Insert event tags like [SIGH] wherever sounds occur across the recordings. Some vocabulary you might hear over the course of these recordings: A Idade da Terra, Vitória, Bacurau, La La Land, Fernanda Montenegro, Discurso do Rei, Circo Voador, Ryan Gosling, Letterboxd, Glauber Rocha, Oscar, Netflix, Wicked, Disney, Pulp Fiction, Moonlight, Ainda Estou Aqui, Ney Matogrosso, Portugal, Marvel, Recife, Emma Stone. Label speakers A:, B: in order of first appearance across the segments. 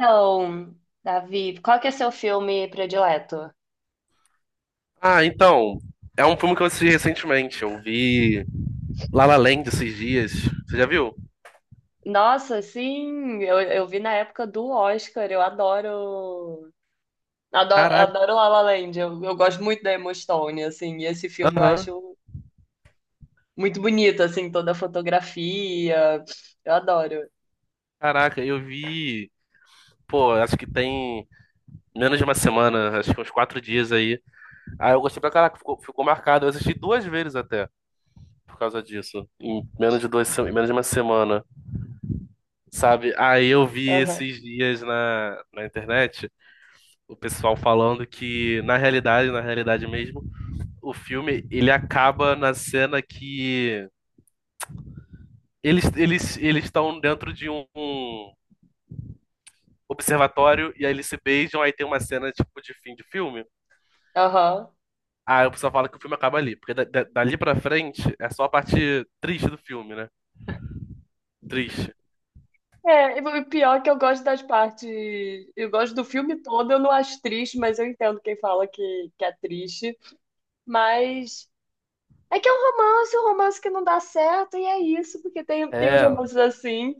A: Então, Davi, qual que é seu filme predileto?
B: Ah, é um filme que eu assisti recentemente. Eu vi La La Land esses dias. Você já viu?
A: Nossa, sim, eu vi na época do Oscar, eu adoro, adoro, adoro La La Land, eu gosto muito da Emma Stone, assim, e esse filme eu
B: Aham.
A: acho muito bonito, assim, toda a fotografia, eu adoro.
B: Caraca, eu vi. Pô, acho que tem menos de uma semana, acho que uns quatro dias aí. Ah, eu gostei pra caraca, ficou marcado. Eu assisti duas vezes até, por causa disso. Em menos de duas, se- Em menos de uma semana, sabe? Aí eu vi
A: Aham,
B: esses dias na internet o pessoal falando que, na realidade mesmo, o filme ele acaba na cena que eles estão dentro de um observatório e aí eles se beijam, aí tem uma cena tipo de fim de filme.
A: aham.
B: Aí o pessoal fala que o filme acaba ali, porque dali pra frente é só a parte triste do filme, né? Triste.
A: É, e o pior é que eu gosto das partes, eu gosto do filme todo, eu não acho triste, mas eu entendo quem fala que é triste, mas é que é um romance que não dá certo, e é isso, porque tem uns
B: É.
A: romances assim.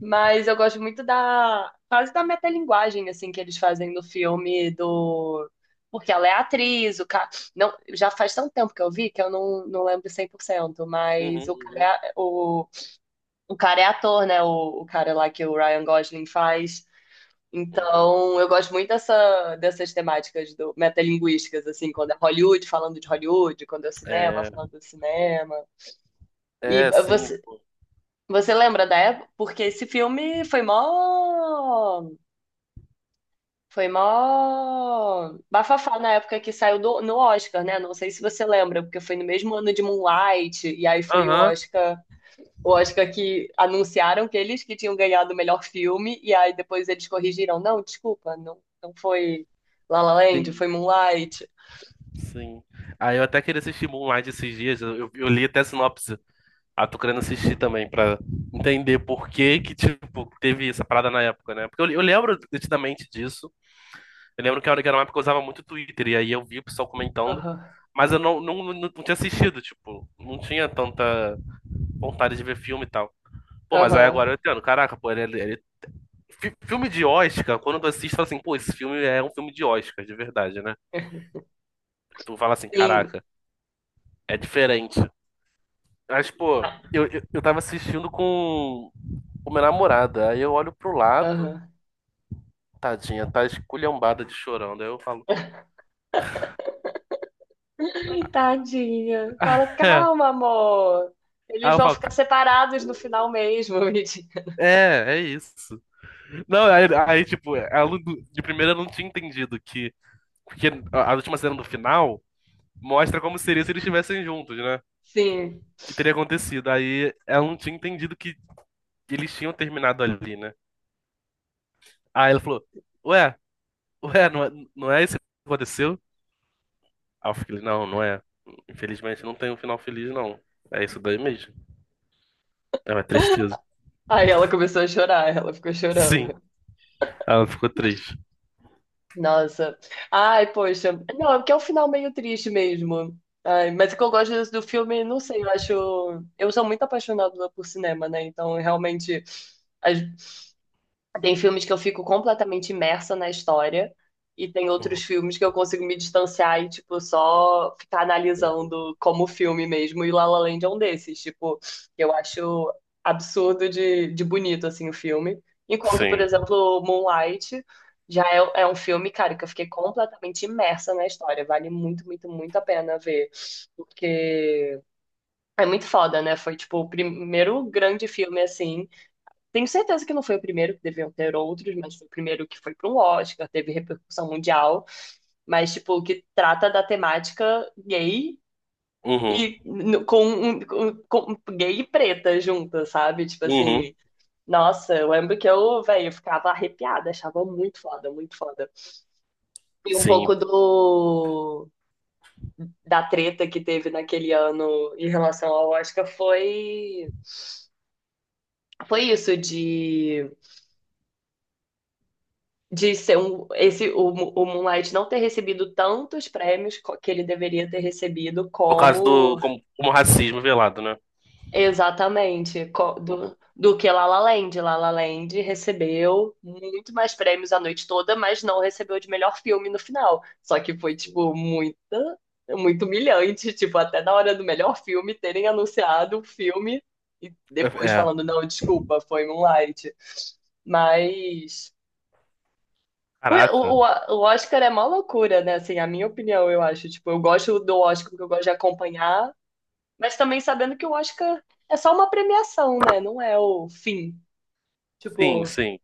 A: Mas eu gosto muito da, quase da metalinguagem, assim, que eles fazem no filme do... Porque ela é atriz, o cara... Não, já faz tanto tempo que eu vi que eu não lembro 100%. Mas o
B: uhum,
A: cara é, o cara é ator, né? O cara lá que o Ryan Gosling faz.
B: uhum.
A: Então, eu gosto muito dessa, dessas temáticas do, metalinguísticas, assim, quando é Hollywood falando de Hollywood, quando é o cinema
B: É,
A: falando do cinema. E
B: é, sim,
A: você,
B: pô.
A: você lembra da época? Porque esse filme foi mó. Foi mó bafafá na época que saiu no Oscar, né? Não sei se você lembra, porque foi no mesmo ano de Moonlight, e aí foi o
B: Aham,
A: Oscar. O Oscar que anunciaram que eles que tinham ganhado o melhor filme, e aí depois eles corrigiram. Não, desculpa, não, não foi La La Land,
B: sim,
A: foi Moonlight.
B: sim. Aí eu até queria assistir Moonlight esses dias, eu li até a sinopse. Ah, tô querendo assistir também, pra entender por que que, tipo, teve essa parada na época, né? Porque eu lembro nitidamente disso. Eu lembro que a hora que era uma época eu usava muito Twitter, e aí eu vi o pessoal comentando,
A: Aham,
B: mas eu não tinha assistido, tipo, não tinha tanta vontade de ver filme e tal. Pô, mas aí agora
A: aham.
B: eu entendo, caraca, pô, é filme de Oscar, quando tu assiste, tu fala assim, pô, esse filme é um filme de Oscar, de verdade, né?
A: [LAUGHS]
B: Tu fala assim,
A: Sim.
B: caraca, é diferente. Mas, pô, eu tava assistindo com minha namorada, aí eu olho pro lado,
A: Aham.
B: tadinha, tá esculhambada de chorando, aí eu falo,
A: Tadinha. Fala,
B: [LAUGHS] é.
A: calma, amor.
B: Aí
A: Eles
B: eu
A: vão
B: falo,
A: ficar
B: "Ca-
A: separados no final mesmo, [LAUGHS] Vidi.
B: é, é isso. Não, aí, aí, tipo, ela, não- de primeira eu não tinha entendido que. Porque a última cena do final mostra como seria se eles estivessem juntos, né?
A: Sim.
B: Que teria acontecido. Aí ela não tinha entendido que eles tinham terminado ali, né? Aí ela falou: Ué, ué, não é, não é isso que aconteceu? Aí eu falei: Não, não é. Infelizmente não tem um final feliz, não. É isso daí mesmo. É uma tristeza.
A: Aí ela começou a chorar, ela ficou
B: Sim,
A: chorando.
B: ela ficou triste.
A: Nossa. Ai, poxa. Não, é porque é um final meio triste mesmo. Ai, mas o que eu gosto do filme, não sei, eu acho. Eu sou muito apaixonada por cinema, né? Então, realmente. as- Tem filmes que eu fico completamente imersa na história e tem outros
B: Uhum,
A: filmes que eu consigo me distanciar e, tipo, só ficar
B: uhum.
A: analisando como filme mesmo. E La La Land é um desses, tipo, eu acho absurdo de bonito, assim, o filme. Enquanto, por
B: Sim.
A: exemplo, Moonlight já é, é um filme, cara, que eu fiquei completamente imersa na história. Vale muito, muito, muito a pena ver. Porque é muito foda, né? Foi, tipo, o primeiro grande filme, assim, tenho certeza que não foi o primeiro, que deviam ter outros, mas foi o primeiro que foi para um Oscar, teve repercussão mundial, mas, tipo, que trata da temática gay
B: Uhum,
A: e com gay e preta junta, sabe? Tipo assim,
B: uhum.
A: nossa, eu lembro que eu, velho, eu ficava arrepiada, achava muito foda, muito foda. E um
B: Sim.
A: pouco do da treta que teve naquele ano em relação ao Oscar foi isso de ser o Moonlight não ter recebido tantos prêmios que ele deveria ter recebido
B: Por causa do.
A: como
B: Como racismo velado, né?
A: exatamente do, do que La La Land. La La Land recebeu muito mais prêmios a noite toda, mas não recebeu de melhor filme no final. Só que foi, tipo, muita, muito humilhante, tipo, até na hora do melhor filme terem anunciado o filme e depois
B: É,
A: falando, não, desculpa, foi Moonlight. Mas O,
B: caraca.
A: o, o Oscar é mó loucura, né? Assim, a minha opinião, eu acho. Tipo, eu gosto do Oscar porque eu gosto de acompanhar, mas também sabendo que o Oscar é só uma premiação, né? Não é o fim.
B: Sim,
A: Tipo,
B: sim.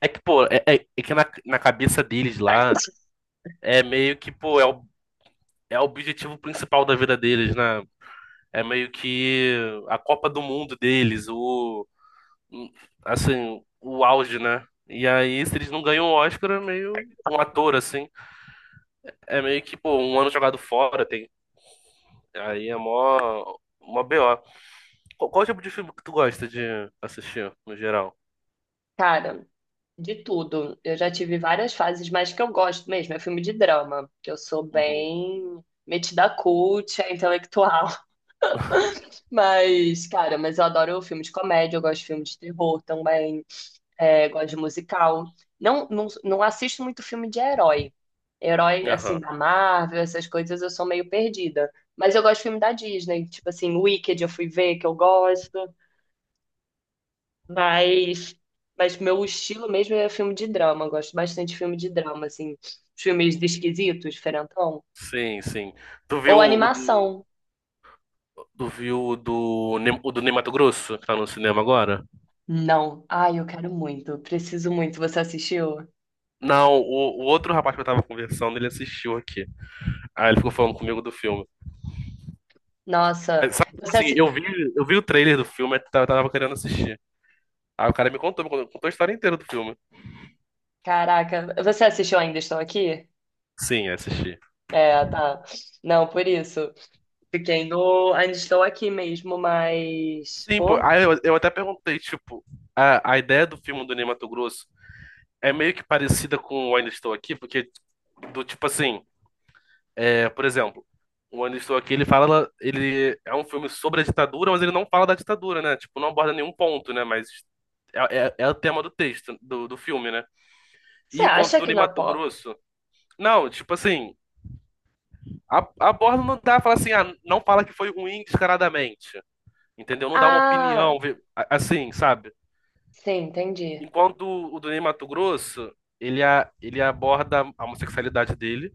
B: É que, pô, é que na cabeça deles lá, é meio que, pô, é o objetivo principal da vida deles, né? É meio que a Copa do Mundo deles, o, assim, o auge, né? E aí, se eles não ganham o Oscar, é meio um ator, assim. É meio que, pô, um ano jogado fora, tem. Aí é mó BO. Qual tipo de filme que tu gosta de assistir, no geral?
A: cara, de tudo. Eu já tive várias fases, mas que eu gosto mesmo é filme de drama, que eu sou
B: Uhum.
A: bem metida cult, é intelectual. [LAUGHS]
B: [LAUGHS]
A: Mas, cara, mas eu adoro filme de comédia, eu gosto de filme de terror também. É, gosto de musical. Não, não, não assisto muito filme de herói. Herói, assim,
B: Aham.
A: da Marvel, essas coisas, eu sou meio perdida. Mas eu gosto de filme da Disney. Tipo assim, Wicked eu fui ver, que eu gosto. Mas, mas meu estilo mesmo é filme de drama. Eu gosto bastante de filme de drama, assim. Os filmes esquisitos, diferentão.
B: Sim, sim. Tu viu
A: Ou
B: o do,
A: animação.
B: tu viu o do, o do Ney Matogrosso, que tá no cinema agora?
A: Não. Ai, eu quero muito. Preciso muito. Você assistiu?
B: Não, o outro rapaz que eu tava conversando, ele assistiu aqui. Aí ele ficou falando comigo do filme.
A: Nossa.
B: Aí, sabe, tipo
A: Você
B: assim,
A: assi...
B: eu vi o trailer do filme, eu tava querendo assistir. Aí o cara me contou, contou a história inteira do filme.
A: Caraca. Você assistiu Ainda Estou Aqui?
B: Sim, assisti.
A: É, tá. Não, por isso. Fiquei no. Ainda estou aqui mesmo, mas.
B: Sim, pô,
A: Pô,
B: aí eu até perguntei, tipo, a ideia do filme do Ney Matogrosso é meio que parecida com o Ainda Estou Aqui, porque do tipo assim, é, por exemplo, o Onde Estou Aqui, ele fala, ele é um filme sobre a ditadura, mas ele não fala da ditadura, né? Tipo, não aborda nenhum ponto, né? Mas é, é o tema do texto, do filme, né?
A: você
B: E o Conto
A: acha
B: do
A: que
B: Ney
A: na pó.
B: Matogrosso? Não, tipo assim, a, aborda não dá, fala assim, ah, não fala que foi ruim descaradamente, entendeu? Não dá uma
A: Ah,
B: opinião, vê- a- assim, sabe?
A: sim, entendi.
B: Enquanto o do Ney Matogrosso, ele aborda a homossexualidade dele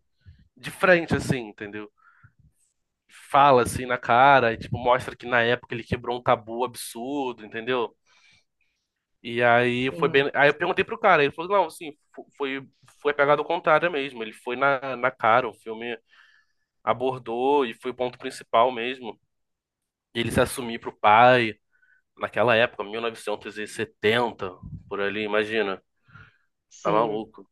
B: de frente, assim, entendeu? Fala assim na cara e tipo mostra que na época ele quebrou um tabu absurdo, entendeu? E aí foi
A: Sim,
B: bem, aí eu perguntei pro cara, ele falou: "Não, assim, foi foi pegado ao contrário mesmo, ele foi na cara, o filme abordou e foi o ponto principal mesmo. Ele se assumir pro pai naquela época, 1970, por ali, imagina. Tá
A: sim.
B: maluco.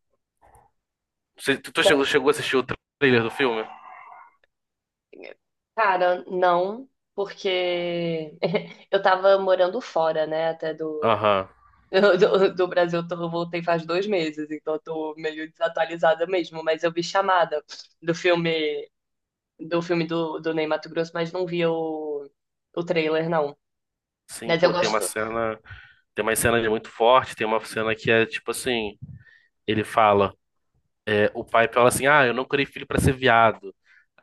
B: Tu
A: Não,
B: chegou a assistir o trailer do filme?
A: cara, não, porque [LAUGHS] eu tava morando fora, né, até do. [LAUGHS]
B: Aham.
A: Do, do Brasil, eu voltei faz 2 meses, então eu tô meio desatualizada mesmo. Mas eu vi chamada do filme do filme do, do Ney Matogrosso, mas não vi o trailer, não.
B: Sim,
A: Mas eu
B: pô,
A: gosto.
B: tem uma cena muito forte, tem uma cena que é tipo assim, ele fala. O pai fala assim: Ah, eu não criei filho pra ser viado.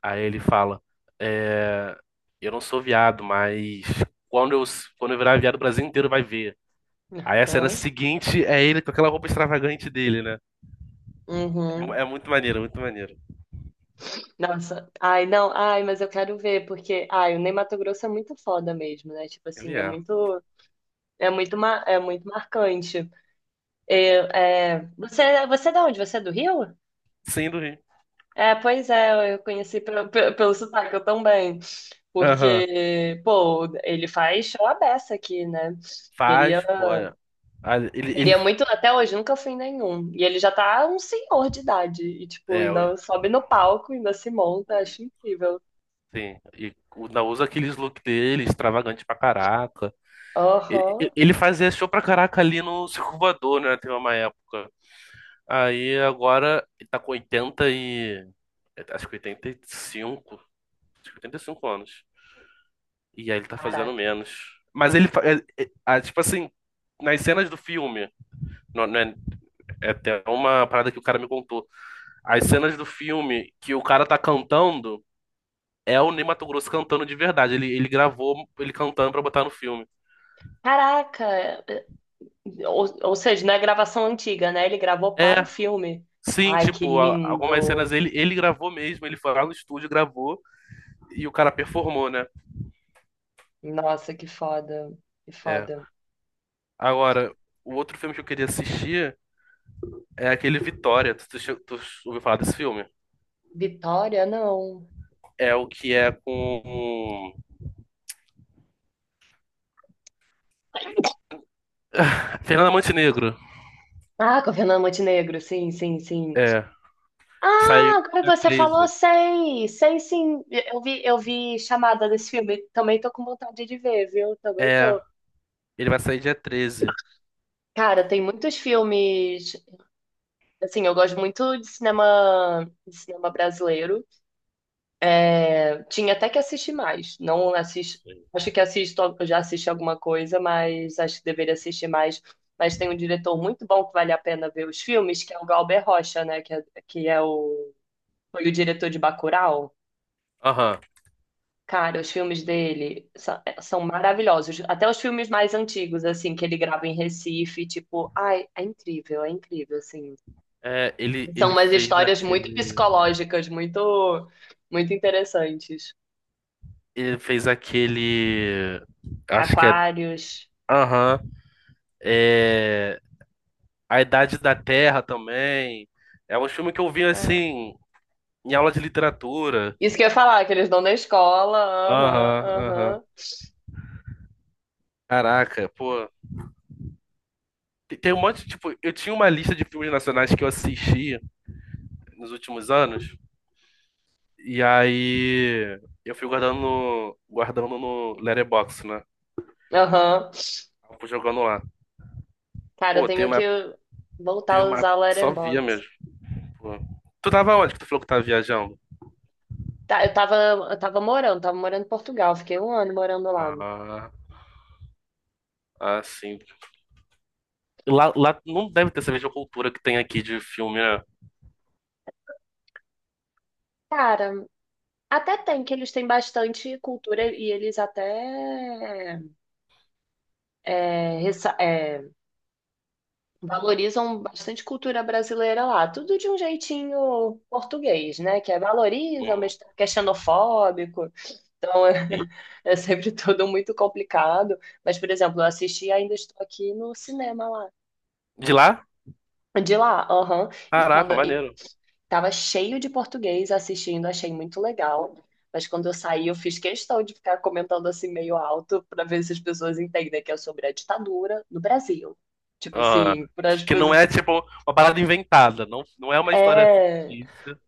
B: Aí ele fala: É, eu não sou viado, mas quando eu, quando eu virar viado, o Brasil inteiro vai ver. Aí a cena
A: Aham.
B: seguinte é ele com aquela roupa extravagante dele, né?
A: Uhum.
B: É muito maneiro, muito maneiro.
A: Nossa. Ai, não. Ai, mas eu quero ver, porque. Ai, o Ney Matogrosso é muito foda mesmo, né? Tipo
B: Ele
A: assim, é
B: é.
A: muito. É muito, ma- é muito marcante. Eu, é... Você é de onde? Você é do Rio?
B: Sim, do Rio.
A: É, pois é, eu conheci pelo, pelo sotaque, eu também.
B: Aham.
A: Porque, pô, ele faz show à beça aqui, né? Queria.
B: Faz, pô. É. Ah, ele.
A: Queria muito, até hoje nunca fui em nenhum. E ele já tá um senhor de idade. E, tipo,
B: É, o-
A: ainda sobe no palco, ainda se monta.
B: o-
A: Acho incrível.
B: sim. E o- ainda usa aqueles look dele, extravagante pra caraca.
A: Aham.
B: Ele fazia show pra caraca ali no Circo Voador, né? Teve uma época. Aí agora ele tá com 80 e. Acho que 85, acho que 85 anos. E aí ele tá fazendo
A: Caraca.
B: menos. Mas ele. Fa- é- é- ah, tipo assim, nas cenas do filme. Não, não é, é até uma parada que o cara me contou. As cenas do filme que o cara tá cantando é o Ney Matogrosso cantando de verdade. Ele gravou ele cantando pra botar no filme.
A: Caraca! Ou seja, não é gravação antiga, né? Ele gravou para o
B: É.
A: filme.
B: Sim,
A: Ai, que
B: tipo, a- algumas
A: lindo!
B: cenas ele gravou mesmo, ele foi lá no estúdio, gravou e o cara performou, né?
A: Nossa, que foda. Que
B: É.
A: foda.
B: Agora, o outro filme que eu queria assistir é aquele Vitória. Tu ouviu falar desse filme?
A: Vitória, não.
B: É o que é com Fernanda Montenegro.
A: Ah, com a Fernanda Montenegro, sim, sim, sim.
B: É. Que saiu
A: Ah, agora que
B: dia
A: você falou,
B: 13.
A: sei. Sei sim. Eu vi chamada desse filme. Também tô com vontade de ver, viu? Também
B: É.
A: tô.
B: Ele vai sair dia 13.
A: Cara, tem muitos filmes. Assim, eu gosto muito de cinema brasileiro. É, tinha até que assistir mais. Não assisto. Acho que assisto, eu já assisti alguma coisa, mas acho que deveria assistir mais. Mas tem um diretor muito bom que vale a pena ver os filmes, que é o Galber Rocha, né? Foi o diretor de Bacurau.
B: Aham.
A: Cara, os filmes dele são maravilhosos. Até os filmes mais antigos, assim, que ele grava em Recife, tipo, ai, é incrível, assim.
B: É,
A: São
B: ele
A: umas
B: fez
A: histórias muito
B: aquele.
A: psicológicas, muito, muito interessantes.
B: Ele fez aquele. Acho que é.
A: Aquários,
B: Aham. É. A Idade da Terra também. É um filme que eu vi
A: cara.
B: assim, em aula de literatura.
A: Isso que eu ia falar, que eles dão na escola, aham,
B: Aham, aham.
A: aham,
B: Caraca, pô. Tem, tem um monte, tipo, eu tinha uma lista de filmes nacionais que eu assisti nos últimos anos, e aí eu fui guardando no Letterboxd, né?
A: aham.
B: Eu fui jogando lá.
A: Cara, eu
B: Pô,
A: tenho que voltar
B: teve
A: a
B: uma
A: usar o
B: época que só via
A: Letterboxd.
B: mesmo. Pô. Tu tava onde que tu falou que tava viajando?
A: Tá, eu tava, eu tava morando em Portugal, fiquei um ano morando lá.
B: Ah, ah, sim. Lá não deve ter essa mesma cultura que tem aqui de filme, né?
A: Cara, até tem, que eles têm bastante cultura e eles até é, valorizam bastante cultura brasileira lá. Tudo de um jeitinho português, né? Que é valoriza,
B: Hum,
A: mas que é xenofóbico. Então é,
B: sim.
A: [LAUGHS] é sempre tudo muito complicado. Mas, por exemplo, eu assisti Ainda Estou Aqui no cinema lá.
B: De lá?
A: De lá, aham. E quando
B: Caraca,
A: e
B: maneiro.
A: tava cheio de português assistindo, achei muito legal. Mas quando eu saí, eu fiz questão de ficar comentando assim meio alto para ver se as pessoas entendem que é sobre a ditadura no Brasil. Tipo
B: Ah,
A: assim, para as
B: que não
A: pessoas.
B: é tipo uma parada inventada, não, não é uma história
A: É.
B: fictícia.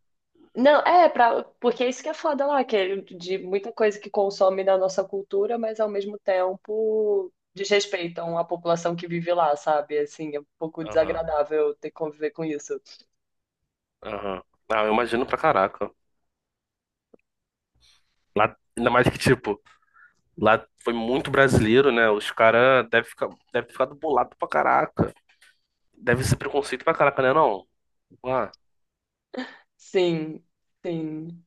A: Não, é, pra... porque isso que é foda lá, que é de muita coisa que consome da nossa cultura, mas ao mesmo tempo desrespeitam a população que vive lá, sabe? Assim, é um pouco desagradável ter que conviver com isso.
B: Aham. Ah, eu imagino pra caraca. Lá, ainda mais que, tipo, lá foi muito brasileiro, né? Os caras devem ficar, deve ficar bolado pra caraca. Deve ser preconceito pra caraca, né? Não. Lá.
A: Sim, sim.